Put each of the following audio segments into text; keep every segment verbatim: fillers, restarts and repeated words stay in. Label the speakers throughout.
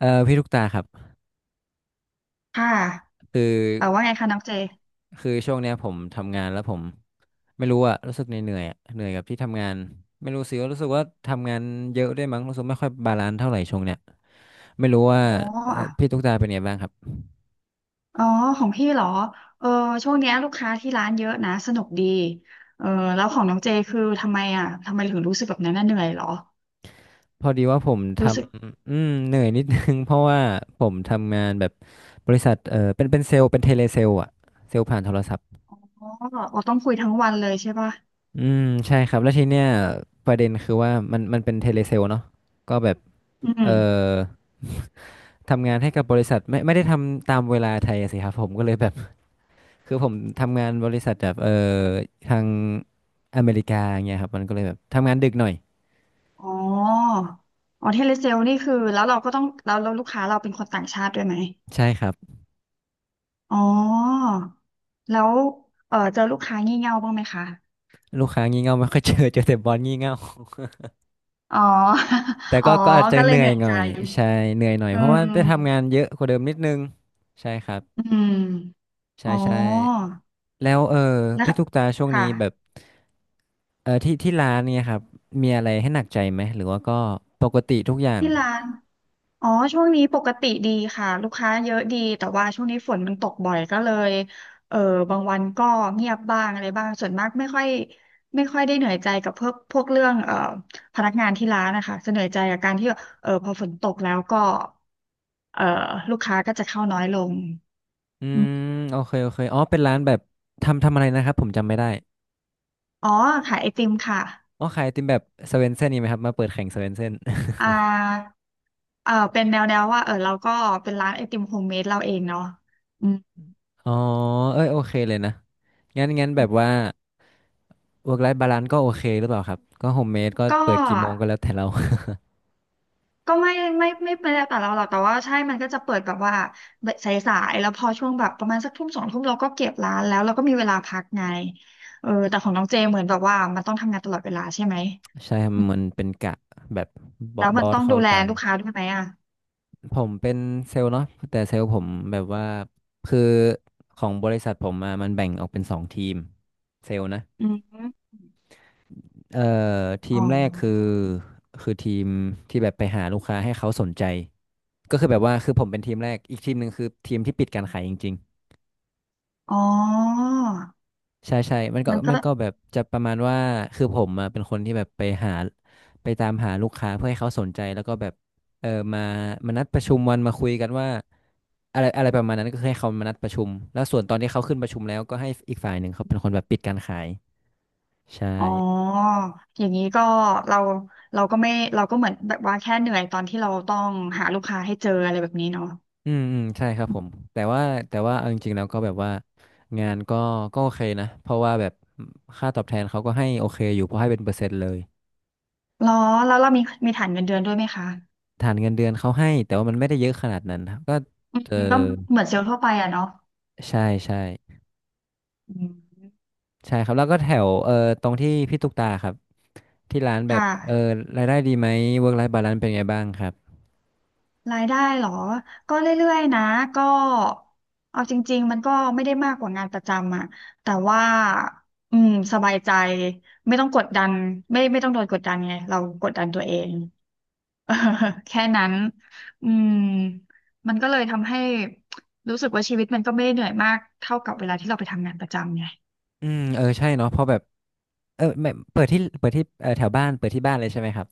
Speaker 1: เออพี่ลูกตาครับ
Speaker 2: ค่ะ
Speaker 1: คือ
Speaker 2: เออว่าไงคะน้องเจ
Speaker 1: คือช่วงเนี้ยผมทำงานแล้วผมไม่รู้อะรู้สึกเหนื่อยๆอะเหนื่อยกับที่ทำงานไม่รู้สิว่ารู้สึกว่าทำงานเยอะด้วยมั้งรู้สึกไม่ค่อยบาลานซ์เท่าไหร่ช่วงเนี้ยไม่รู้ว่า
Speaker 2: อ๋อ
Speaker 1: เอ่อ
Speaker 2: อ่ะ
Speaker 1: พี่ตุ๊กตาเป็นไงบ้างครับ
Speaker 2: อ๋อของพี่เหรอเออช่วงเนี้ยลูกค้าที่ร้านเยอะนะสนุกดีเออแล้วของน้องเจคือทำไมอ่ะทำไมถึงรู้สึกแบบนั้นน่ะเหนื่อยเหรอ
Speaker 1: พอดีว่าผมท
Speaker 2: รู้สึก
Speaker 1: ำอืมเหนื่อยนิดนึง เพราะว่าผมทำงานแบบบริษัทเออเป็นเป็นเซลล์เป็นเทเลเซลล์อะเซลล์ผ่านโทรศัพท์
Speaker 2: อ๋ออ๋อต้องคุยทั้งวันเลยใช่ป่ะ
Speaker 1: อืมใช่ครับแล้วทีเนี้ยประเด็นคือว่ามันมันเป็นเทเลเซลเนาะก็แบบ
Speaker 2: อื
Speaker 1: เออ
Speaker 2: ม
Speaker 1: ทำงานให้กับบริษัทไม่ไม่ได้ทำตามเวลาไทยอะสิครับผมก็เลยแบบ คือผมทำงานบริษัทแบบเออทางอเมริกาอย่างเงี้ยครับมันก็เลยแบบทำงานดึกหน่อย
Speaker 2: อ๋ออ๋อเทเลเซลนี่คือแล้วเราก็ต้องแล้วแล้วลูกค้าเราเป็นคนต่างชาติด้วยไหม
Speaker 1: ใช่ครับ
Speaker 2: อ๋อแล้วเออเจอลูกค้างี่เง่าบ้างไหมคะ
Speaker 1: ลูกค้างี่เง่าไม่ค่อยเจอเจอแต่บอสงี่เง่า
Speaker 2: อ๋อ
Speaker 1: แต่
Speaker 2: อ๋อ
Speaker 1: ก็ก็อาจจะ
Speaker 2: ก็เล
Speaker 1: เห
Speaker 2: ย
Speaker 1: นื่
Speaker 2: เห
Speaker 1: อย
Speaker 2: นื่อย
Speaker 1: หน่
Speaker 2: ใจ
Speaker 1: อยใช่เหนื่อยหน่อย
Speaker 2: อื
Speaker 1: เพราะว่า
Speaker 2: ม
Speaker 1: ได้ทำงานเยอะกว่าเดิมนิดนึงใช่ครั
Speaker 2: อื
Speaker 1: บ
Speaker 2: ม
Speaker 1: ใช่
Speaker 2: อ๋อ
Speaker 1: ใช่แล้วเออ
Speaker 2: นะ
Speaker 1: พี่
Speaker 2: คะ
Speaker 1: ตุ๊กตาช่วงนี้แบบ
Speaker 2: ค่ะ
Speaker 1: เออที่ที่ร้านเนี่ยครับมีอะไรให้หนักใจไหมหรือว่าก็ปกติทุกอย่าง
Speaker 2: ที่ร้านอ๋อช่วงนี้ปกติดีค่ะลูกค้าเยอะดีแต่ว่าช่วงนี้ฝนมันตกบ่อยก็เลยเออบางวันก็เงียบบ้างอะไรบ้างส่วนมากไม่ค่อยไม่ค่อยได้เหนื่อยใจกับพวกพวกเรื่องเอ่อพนักงานที่ร้านนะคะจะเหนื่อยใจกับการที่เออพอฝนตกแล้วก็เอ่อลูกค้าก็จะเข้าน้อยลง
Speaker 1: อื
Speaker 2: อืม
Speaker 1: มโอเคโอเคอ๋อเป็นร้านแบบทำทำอะไรนะครับผมจำไม่ได้
Speaker 2: อ๋อขายไอติมค่ะ
Speaker 1: อ๋อขายไอติมแบบสเวนเซ่นนี่ไหมครับมาเปิดแข่งสเวนเซ่น
Speaker 2: อ่าเออเป็นแนวแนวว่าเออเราก็เป็นร้านไอติมโฮมเมดเราเองเนาะอืม
Speaker 1: อ๋อเอ้ยโอเคเลยนะงั้นงั้นแบบว่า work life balance ก็โอเคหรือเปล่าครับก็โฮมเมดก็
Speaker 2: ก็
Speaker 1: เปิดกี่โมงก็แล้วแต่เรา
Speaker 2: ก็ไม่ไม่ไม่ไม่ได้แต่เราหรอกแต่ว่าใช่มันก็จะเปิดแบบว่าสายๆแล้วพอช่วงแบบประมาณสักทุ่มสองทุ่มเราก็เก็บร้านแล้วเราก็มีเวลาพักไงเออแต่ของน้องเจเหมือนแบบว่ามันต้องทำงานตลอดเวลาใช่ไหม
Speaker 1: ใช่ครับ
Speaker 2: อื
Speaker 1: มัน
Speaker 2: ม
Speaker 1: เป็นกะแบบบอ
Speaker 2: แล้
Speaker 1: ส
Speaker 2: ว
Speaker 1: บ
Speaker 2: มั
Speaker 1: อ
Speaker 2: น
Speaker 1: ส
Speaker 2: ต้อง
Speaker 1: เขา
Speaker 2: ดูแล
Speaker 1: ตาม
Speaker 2: ลูกค้าด้วยไหมอ่ะ
Speaker 1: ผมเป็นเซลล์เนาะแต่เซลล์ผมแบบว่าคือของบริษัทผมอะมันแบ่งออกเป็นสองทีมเซลล์นะ
Speaker 2: อืม
Speaker 1: เอ่อที
Speaker 2: อ๋อ
Speaker 1: มแรกคือคือทีมที่แบบไปหาลูกค้าให้เขาสนใจก็คือแบบว่าคือผมเป็นทีมแรกอีกทีมหนึ่งคือทีมที่ปิดการขายจริงๆ
Speaker 2: อ๋อ
Speaker 1: ใช่ใช่มันก็
Speaker 2: มันก็
Speaker 1: มันก็แบบจะประมาณว่าคือผมอะเป็นคนที่แบบไปหาไปตามหาลูกค้าเพื่อให้เขาสนใจแล้วก็แบบเออมามานัดประชุมวันมาคุยกันว่าอะไรอะไรประมาณนั้นก็คือให้เขามานัดประชุมแล้วส่วนตอนที่เขาขึ้นประชุมแล้วก็ให้อีกฝ่ายหนึ่งเขาเป็นคนแบบปิดการขายใช่
Speaker 2: อ๋ออย่างนี้ก็เราเราก็ไม่เราก็เหมือนแบบว่าแค่เหนื่อยตอนที่เราต้องหาลูกค้าให้เจออะไรแบบนี้เนาะ
Speaker 1: อืมอืมใช่ครับผมแต่ว่าแต่ว่าเอาจริงๆแล้วก็แบบว่างานก็ก็โอเคนะเพราะว่าแบบค่าตอบแทนเขาก็ให้โอเคอยู่เพราะให้เป็นเปอร์เซ็นต์เลย
Speaker 2: หรอแล้วเรามีมีฐานเงินเดือนด้วยไหมคะ
Speaker 1: ฐานเงินเดือนเขาให้แต่ว่ามันไม่ได้เยอะขนาดนั้นครับก็
Speaker 2: อืม
Speaker 1: เออ
Speaker 2: ก็เหมือนเซลล์ทั่วไปอะเนาะ
Speaker 1: ใช่ใช่
Speaker 2: อืม
Speaker 1: ใช่ครับแล้วก็แถวเออตรงที่พี่ตุ๊กตาครับที่ร้านแบ
Speaker 2: ค่
Speaker 1: บเออ
Speaker 2: ะ
Speaker 1: รายได้ดีไหม work life balance เป็นไงบ้างครับ
Speaker 2: รายได้เหรอก็เรื่อยๆนะก็เอาจริงๆมันก็ไม่ได้มากกว่างานประจำอะแต่ว่าอืมสบายใจไม่ต้องกดดันไม่ไม่ต้องโดนกดดันไงเรากดดันตัวเอง เออแค่นั้นอืมมันก็เลยทำให้รู้สึกว่าชีวิตมันก็ไม่ได้เหนื่อยมากเท่ากับเวลาที่เราไปทำงานประจำไง
Speaker 1: อืมเออใช่เนาะเพราะแบบเออไม่เปิดที่เปิดที่เออแถวบ้านเปิดที่บ้านเลยใช่ไหมครับ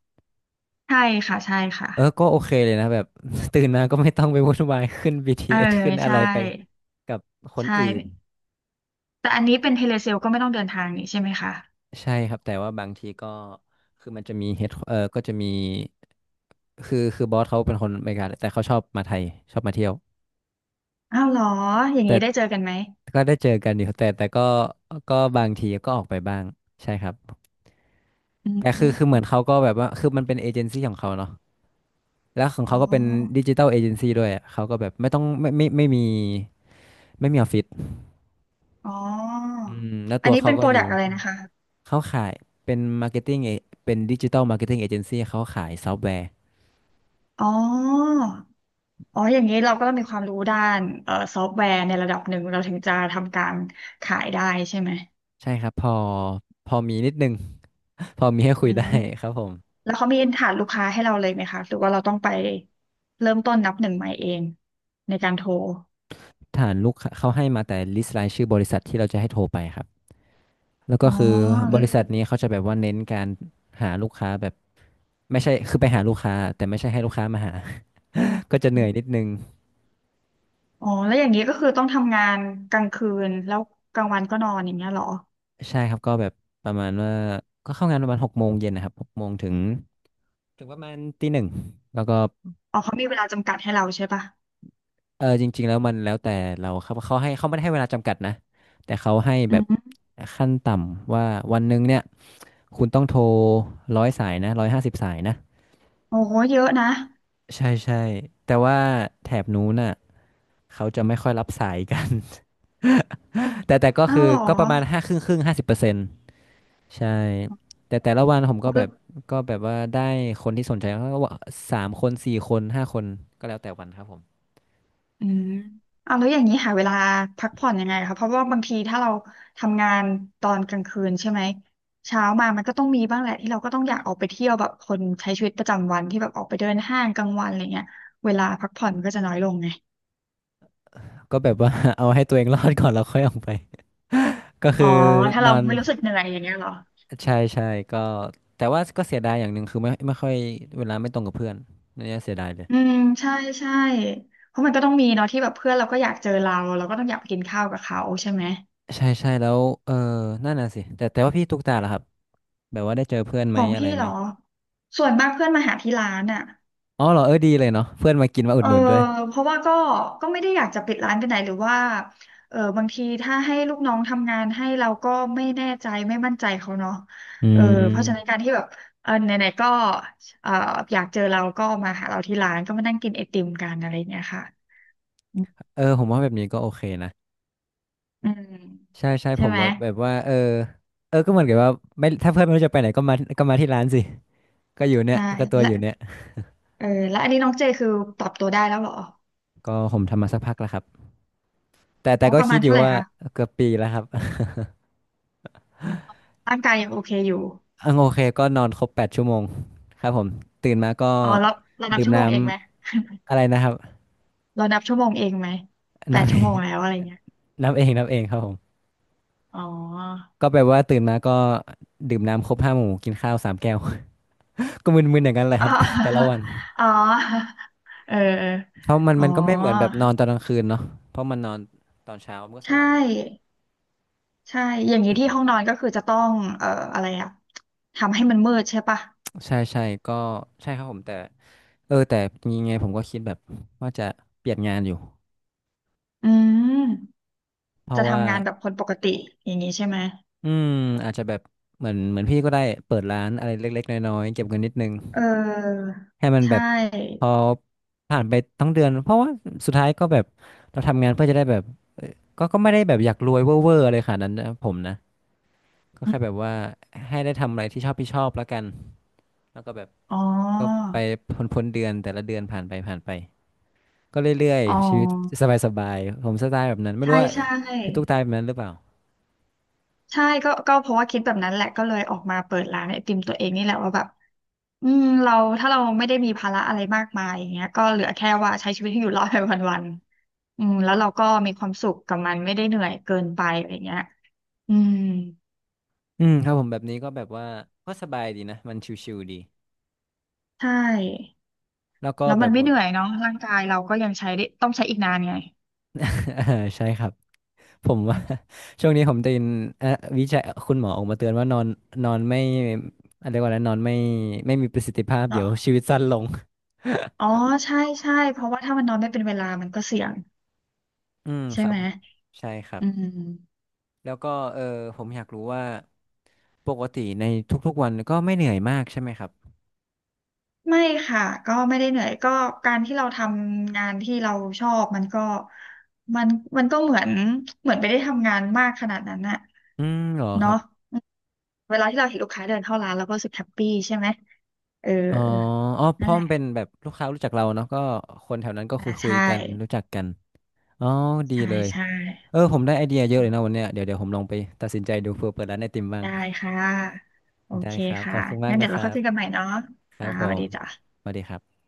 Speaker 2: ใช่ค่ะใช่ค่ะ
Speaker 1: เออก็โอเคเลยนะแบบ ตื่นมาก็ไม่ต้องไปวุ่นวาย ขึ้น
Speaker 2: เออ
Speaker 1: บี ที เอส ขึ้นอะไร
Speaker 2: ใช่
Speaker 1: ไปกับคน
Speaker 2: ใช่
Speaker 1: อื่น
Speaker 2: แต่อันนี้เป็นเทเลเซลก็ไม่ต้องเดินทางนี่ใช่ไหมคะ
Speaker 1: ใช่ครับแต่ว่าบางทีก็คือมันจะมีเฮดเออก็จะมีคือคือบอสเขาเป็นคนอเมริกาแต่เขาชอบมาไทยชอบมาเที่ยว
Speaker 2: อ้าวเหรออย่าง
Speaker 1: แต่
Speaker 2: นี้ได้เจอกันไหม
Speaker 1: ก็ได้เจอกันอยู่แต่แต่ก็ก็บางทีก็ออกไปบ้างใช่ครับ
Speaker 2: อื
Speaker 1: แต่คือคือเหมือน
Speaker 2: ม
Speaker 1: เขาก็แบบว่าคือมันเป็นเอเจนซี่ของเขาเนาะแล้วของ
Speaker 2: อ๋อ
Speaker 1: เขาก็เป็นดิจิตอลเอเจนซี่ด้วยอะเขาก็แบบไม่ต้องไม่ไม่ไม่มีไม่มีออฟฟิศ
Speaker 2: อ๋อ
Speaker 1: อืมแล้ว
Speaker 2: อั
Speaker 1: ตั
Speaker 2: น
Speaker 1: ว
Speaker 2: นี้
Speaker 1: เขา
Speaker 2: เป็นโป
Speaker 1: ก็
Speaker 2: ร
Speaker 1: อยู่
Speaker 2: ดักต์อะไรนะคะ
Speaker 1: เขาขายเป็นมาร์เก็ตติ้งเป็นดิจิ t a ลมาร์เก็ตติ้งเอเจนซี่เขาขายซอฟต์แวร์
Speaker 2: อ๋ออ๋ออย่างนี้เราก็ต้องมีความรู้ด้านเอ่อซอฟต์แวร์ในระดับหนึ่งเราถึงจะทำการขายได้ใช่ไหม
Speaker 1: ใช่ครับพอพอมีนิดนึง พอมีให้
Speaker 2: อื
Speaker 1: คุยได้
Speaker 2: ม
Speaker 1: ครับผม
Speaker 2: แล้วเขามีฐานลูกค้าให้เราเลยไหมคะ หรือว่าเราต้องไปเริ่มต้นนับหนึ่งใหม่เองในการโทร
Speaker 1: ฐานลูกค้าเขาให้มาแต่ลิสต์รายชื่อบริษัทที่เราจะให้โทรไปครับแล้วก็
Speaker 2: อ๋อ
Speaker 1: คือบริษัทนี้เขาจะแบบว่าเน้นการหาลูกค้าแบบไม่ใช่คือไปหาลูกค้าแต่ไม่ใช่ให้ลูกค้ามาหา ก็จะเหนื่อยนิดนึง
Speaker 2: อ๋อแล้วอย่างนี้ก็คือต้องทำงานกลางคืนแล้วกลางวันก็นอนอย่างเงี้ยเหรอ
Speaker 1: ใช่ครับก็แบบประมาณว่าก็เข้างานประมาณหกโมงเย็นนะครับหกโมงถึงถึงประมาณตีหนึ่งแล้วก็
Speaker 2: อ๋อเขามีเวลาจำกัดให้เราใช่ปะ
Speaker 1: เออจริงๆแล้วมันแล้วแต่เราครับเขาให้เขาไม่ได้ให้เวลาจำกัดนะแต่เขาให้
Speaker 2: อื
Speaker 1: แบบ
Speaker 2: ม
Speaker 1: ขั้นต่ำว่าวันหนึ่งเนี่ยคุณต้องโทรร้อยสายนะร้อยห้าสิบสายนะ
Speaker 2: โอ้โหเยอะนะ
Speaker 1: ใช่ใช่แต่ว่าแถบนู้นน่ะเขาจะไม่ค่อยรับสายกัน แต่แต่ก็
Speaker 2: อ้า
Speaker 1: คื
Speaker 2: ว
Speaker 1: อ
Speaker 2: เหรอ
Speaker 1: ก็ประมาณห้าครึ่งครึ่งห้าสิบเปอร์เซ็นต์ใช่แต่แต่ละวันผมก็
Speaker 2: เอุ
Speaker 1: แบบก็แบบว่าได้คนที่สนใจก็ว่าสามคนสี่คนห้าคนก็แล้วแต่วันครับผม
Speaker 2: อืมอ้าวแล้วอย่างนี้หาเวลาพักผ่อนยังไงคะเพราะว่าบางทีถ้าเราทำงานตอนกลางคืนใช่ไหมเช้ามามันก็ต้องมีบ้างแหละที่เราก็ต้องอยากออกไปเที่ยวแบบคนใช้ชีวิตประจำวันที่แบบออกไปเดินห้างกลางวันอะไรเงี้ยเวลาพักผ่อนมันก็จะน้อยลงไง
Speaker 1: ก็แบบว่า เอาให้ตัวเองรอดก่อนแล้วค่อยออกไป ก็
Speaker 2: อ๋
Speaker 1: คือ
Speaker 2: อถ้า
Speaker 1: น
Speaker 2: เรา
Speaker 1: อน
Speaker 2: ไม่รู้สึกเหนื่อยอย่างเงี้ยเหรอ
Speaker 1: ใช่ใช่ก็แต่ว่าก็เสียดายอย่างหนึ่งคือไม่ไม่ค่อยเวลาไม่ตรงกับเพื่อนเนี่ยเสียดายเลย
Speaker 2: อืมใช่ใช่เพราะมันก็ต้องมีเนาะที่แบบเพื่อนเราก็อยากเจอเราเราก็ต้องอยากไปกินข้าวกับเขาใช่ไหม
Speaker 1: ใช่ใช่แล้วเออนั่นน่ะสิแต่แต่ว่าพี่ตุ๊กตาล่ะครับแบบว่าได้เจอเพื่อน
Speaker 2: ข
Speaker 1: ไหม
Speaker 2: อง
Speaker 1: อะไร
Speaker 2: พี่เห
Speaker 1: ไห
Speaker 2: ร
Speaker 1: ม
Speaker 2: อส่วนมากเพื่อนมาหาที่ร้านอ่ะ
Speaker 1: อ๋อเหรอเออดีเลยเนาะเพื่อนมากินมาอุ
Speaker 2: เอ
Speaker 1: ด
Speaker 2: อ
Speaker 1: หนุนด้วย
Speaker 2: เพราะว่าก็ก็ไม่ได้อยากจะปิดร้านไปไหนหรือว่าเออบางทีถ้าให้ลูกน้องทำงานให้เราก็ไม่แน่ใจไม่มั่นใจเขาเนาะ
Speaker 1: อื
Speaker 2: เออเพราะฉะนั้น
Speaker 1: ม
Speaker 2: การที่แบบเออไหนๆก็เอออยากเจอเราก็มาหาเราที่ร้านก็มานั่งกินไอติมกันอะไรอย่างเงี้ยค่ะอืม
Speaker 1: เออผมว่าแบบนี้ก็โอเคนะ
Speaker 2: อืม
Speaker 1: ใช่ใช่
Speaker 2: ใช่
Speaker 1: ผม
Speaker 2: ไหม
Speaker 1: ว่าแบบว่าเออเออก็เหมือนกับว่าไม่ถ้าเพื่อนไม่รู้จะไปไหนก็มาก็มาที่ร้านสิก็อยู่เนี่ย
Speaker 2: ใช่
Speaker 1: ก็ตัวอ
Speaker 2: และ
Speaker 1: ยู่เนี่ย
Speaker 2: เออแล้วอันนี้น้องเจคือปรับตัวได้แล้วเหรอ
Speaker 1: ก็ผมทำมาสักพักแล้วครับแต่แต่
Speaker 2: อ๋อ
Speaker 1: ก็
Speaker 2: ประ
Speaker 1: คิ
Speaker 2: มา
Speaker 1: ด
Speaker 2: ณ
Speaker 1: อยู่
Speaker 2: เท่าไหร่
Speaker 1: ว่า
Speaker 2: คะ
Speaker 1: เกือบปีแล้วครับ
Speaker 2: ร่างกายยังโอเคอยู่
Speaker 1: อังโอเคก็นอนครบแปดชั่วโมงครับผมตื่นมาก็
Speaker 2: อ๋อแล้วเรานับ
Speaker 1: ดื่ม
Speaker 2: ชั่วโม
Speaker 1: น้
Speaker 2: งเองไหม
Speaker 1: ำอะไรนะครับ
Speaker 2: เรานับชั่วโมงเองไหมแป
Speaker 1: นั
Speaker 2: ด
Speaker 1: บ
Speaker 2: ชั่วโมงแล้วอะไรเงี้ย
Speaker 1: น้ำเองน้ำเองครับผม
Speaker 2: อ๋อ
Speaker 1: ก็แปลว่าตื่นมาก็ดื่มน้ำครบห้าหมู่กินข้าวสามแก้ว ก็มึนๆอย่างนั้นเลย
Speaker 2: อ๋
Speaker 1: ค
Speaker 2: อ
Speaker 1: รับ แต่แต่ละวัน
Speaker 2: อ๋อเออเออ
Speaker 1: เพราะมัน
Speaker 2: อ๋อ
Speaker 1: มันก็ไม่เหมือนแบบนอนตอนกลางคืนเนาะเพราะมันนอนตอนเช้ามันก็
Speaker 2: ใช
Speaker 1: สว่างนิด
Speaker 2: ่ใช่ อย่างนี้ที่ห้องนอนก็คือจะต้องเอ่ออะไรอะทำให้มันมืดใช่ปะ
Speaker 1: ใช่ใช่ก็ใช่ครับผมแต่เออแต่มีไงผมก็คิดแบบว่าจะเปลี่ยนงานอยู่
Speaker 2: อืม
Speaker 1: เพราะ
Speaker 2: จะ
Speaker 1: ว่า
Speaker 2: ทำงานแบบคนปกติอย่างนี้ใช่ไหม
Speaker 1: อืมอาจจะแบบเหมือนเหมือนพี่ก็ได้เปิดร้านอะไรเล็กๆน้อยๆเก็บเงินนิดนึง
Speaker 2: เออ
Speaker 1: ให้มัน
Speaker 2: ใช
Speaker 1: แบบพ
Speaker 2: ่
Speaker 1: อผ่านไปทั้งเดือนเพราะว่าสุดท้ายก็แบบเราทำงานเพื่อจะได้แบบเอ่อก็ก็ไม่ได้แบบอยากรวยเวอร์เวอร์อะไรขนาดนั้นนะผมนะก็
Speaker 2: อ
Speaker 1: แค่แบ
Speaker 2: ม
Speaker 1: บว่าให้ได้ทำอะไรที่ชอบที่ชอบแล้วกันแล้วก็แบบ
Speaker 2: อ๋อ
Speaker 1: ก็ไปพ้นพ้นเดือนแต่ละเดือนผ่านไปผ่านไปก็เรื่อย
Speaker 2: อ๋อ
Speaker 1: ๆชีวิตสบายๆผมสไตล์แบบนั้นไม่รู้
Speaker 2: ใช่
Speaker 1: ว่า
Speaker 2: ใช่
Speaker 1: พี่ตุ๊กตายแบบนั้นหรือเปล่า
Speaker 2: ใช่ก็ก็เพราะว่าคิดแบบนั้นแหละก็เลยออกมาเปิดร้านไอติมตัวเองนี่แหละว่าแบบอืมเราถ้าเราไม่ได้มีภาระอะไรมากมายอย่างเงี้ยก็เหลือแค่ว่าใช้ชีวิตให้อยู่รอดไปวันๆอืมแล้วเราก็มีความสุขกับมันไม่ได้เหนื่อยเกินไปอะไรเงี้ยอืม
Speaker 1: อืมครับผมแบบนี้ก็แบบว่าก็สบายดีนะมันชิวๆดี
Speaker 2: ใช่
Speaker 1: แล้วก็
Speaker 2: แล้ว
Speaker 1: แบ
Speaker 2: มัน
Speaker 1: บ
Speaker 2: ไม่
Speaker 1: ว่า
Speaker 2: เหนื่อยเนาะร่างกายเราก็ยังใช้ได้ต้องใช้อีกนานไง
Speaker 1: ใช่ครับ ผม
Speaker 2: อื
Speaker 1: ว่า
Speaker 2: ม
Speaker 1: ช่วงนี้ผมได้ยินเอ่อวิจัยคุณหมอออกมาเตือนว่านอนนอนไม่อะไรยกว่าอะไรนอนไม่ไม่มีประสิทธิภาพเดี๋
Speaker 2: เนาะ
Speaker 1: ยวชีวิตสั้นลง
Speaker 2: อ๋อใช่ใช่เพราะว่าถ้ามันนอนไม่เป็นเวลามันก็เสี่ยง
Speaker 1: อืม
Speaker 2: ใช่
Speaker 1: ครับ
Speaker 2: ไหม
Speaker 1: ใช่ครั
Speaker 2: อื
Speaker 1: บ
Speaker 2: ม
Speaker 1: แล้วก็เออผมอยากรู้ว่าปกติในทุกๆวันก็ไม่เหนื่อยมากใช่ไหมครับ
Speaker 2: ไม่ค่ะก็ไม่ได้เหนื่อยก็การที่เราทำงานที่เราชอบมันก็มันมันก็เหมือนเหมือนไม่ได้ทำงานมากขนาดนั้นน่ะ
Speaker 1: อืมเหรอครั
Speaker 2: เนาะ
Speaker 1: บ
Speaker 2: อืมเวลาที่เราเห็นลูกค้าเดินเข้าร้านเราก็รู้สึกแฮปปี้ใช่ไหมเออ
Speaker 1: อ๋ออ๋อเพ
Speaker 2: นั่น
Speaker 1: ราะ
Speaker 2: แหละ
Speaker 1: มันเป็นแบบลูกค้ารู้จักเราเนาะก็คนแถวนั้นก็
Speaker 2: อ่า
Speaker 1: คุยคุย
Speaker 2: ใช่
Speaker 1: กันรู้จักกันอ๋อดี
Speaker 2: ใช่
Speaker 1: เลย
Speaker 2: ใช่
Speaker 1: เออผมได้ไอเดียเยอะเลยนะวันเนี้ยเดี๋ยวเดี๋ยวผมลองไปตัดสินใจดูเผื่อเปิดร้านไอติมบ้าง
Speaker 2: ได้ค่ะโอ
Speaker 1: ได้
Speaker 2: เค
Speaker 1: ครับข
Speaker 2: ค่ะ
Speaker 1: อบคุณมาก
Speaker 2: งั้นเดี๋
Speaker 1: นะ
Speaker 2: ยว
Speaker 1: ค
Speaker 2: เรา
Speaker 1: รั
Speaker 2: ค่อย
Speaker 1: บ
Speaker 2: คุยกันใหม่เนาะ
Speaker 1: ครับ
Speaker 2: จ้า
Speaker 1: ผ
Speaker 2: สวัส
Speaker 1: ม
Speaker 2: ดีจ้า
Speaker 1: สวัสดีครับ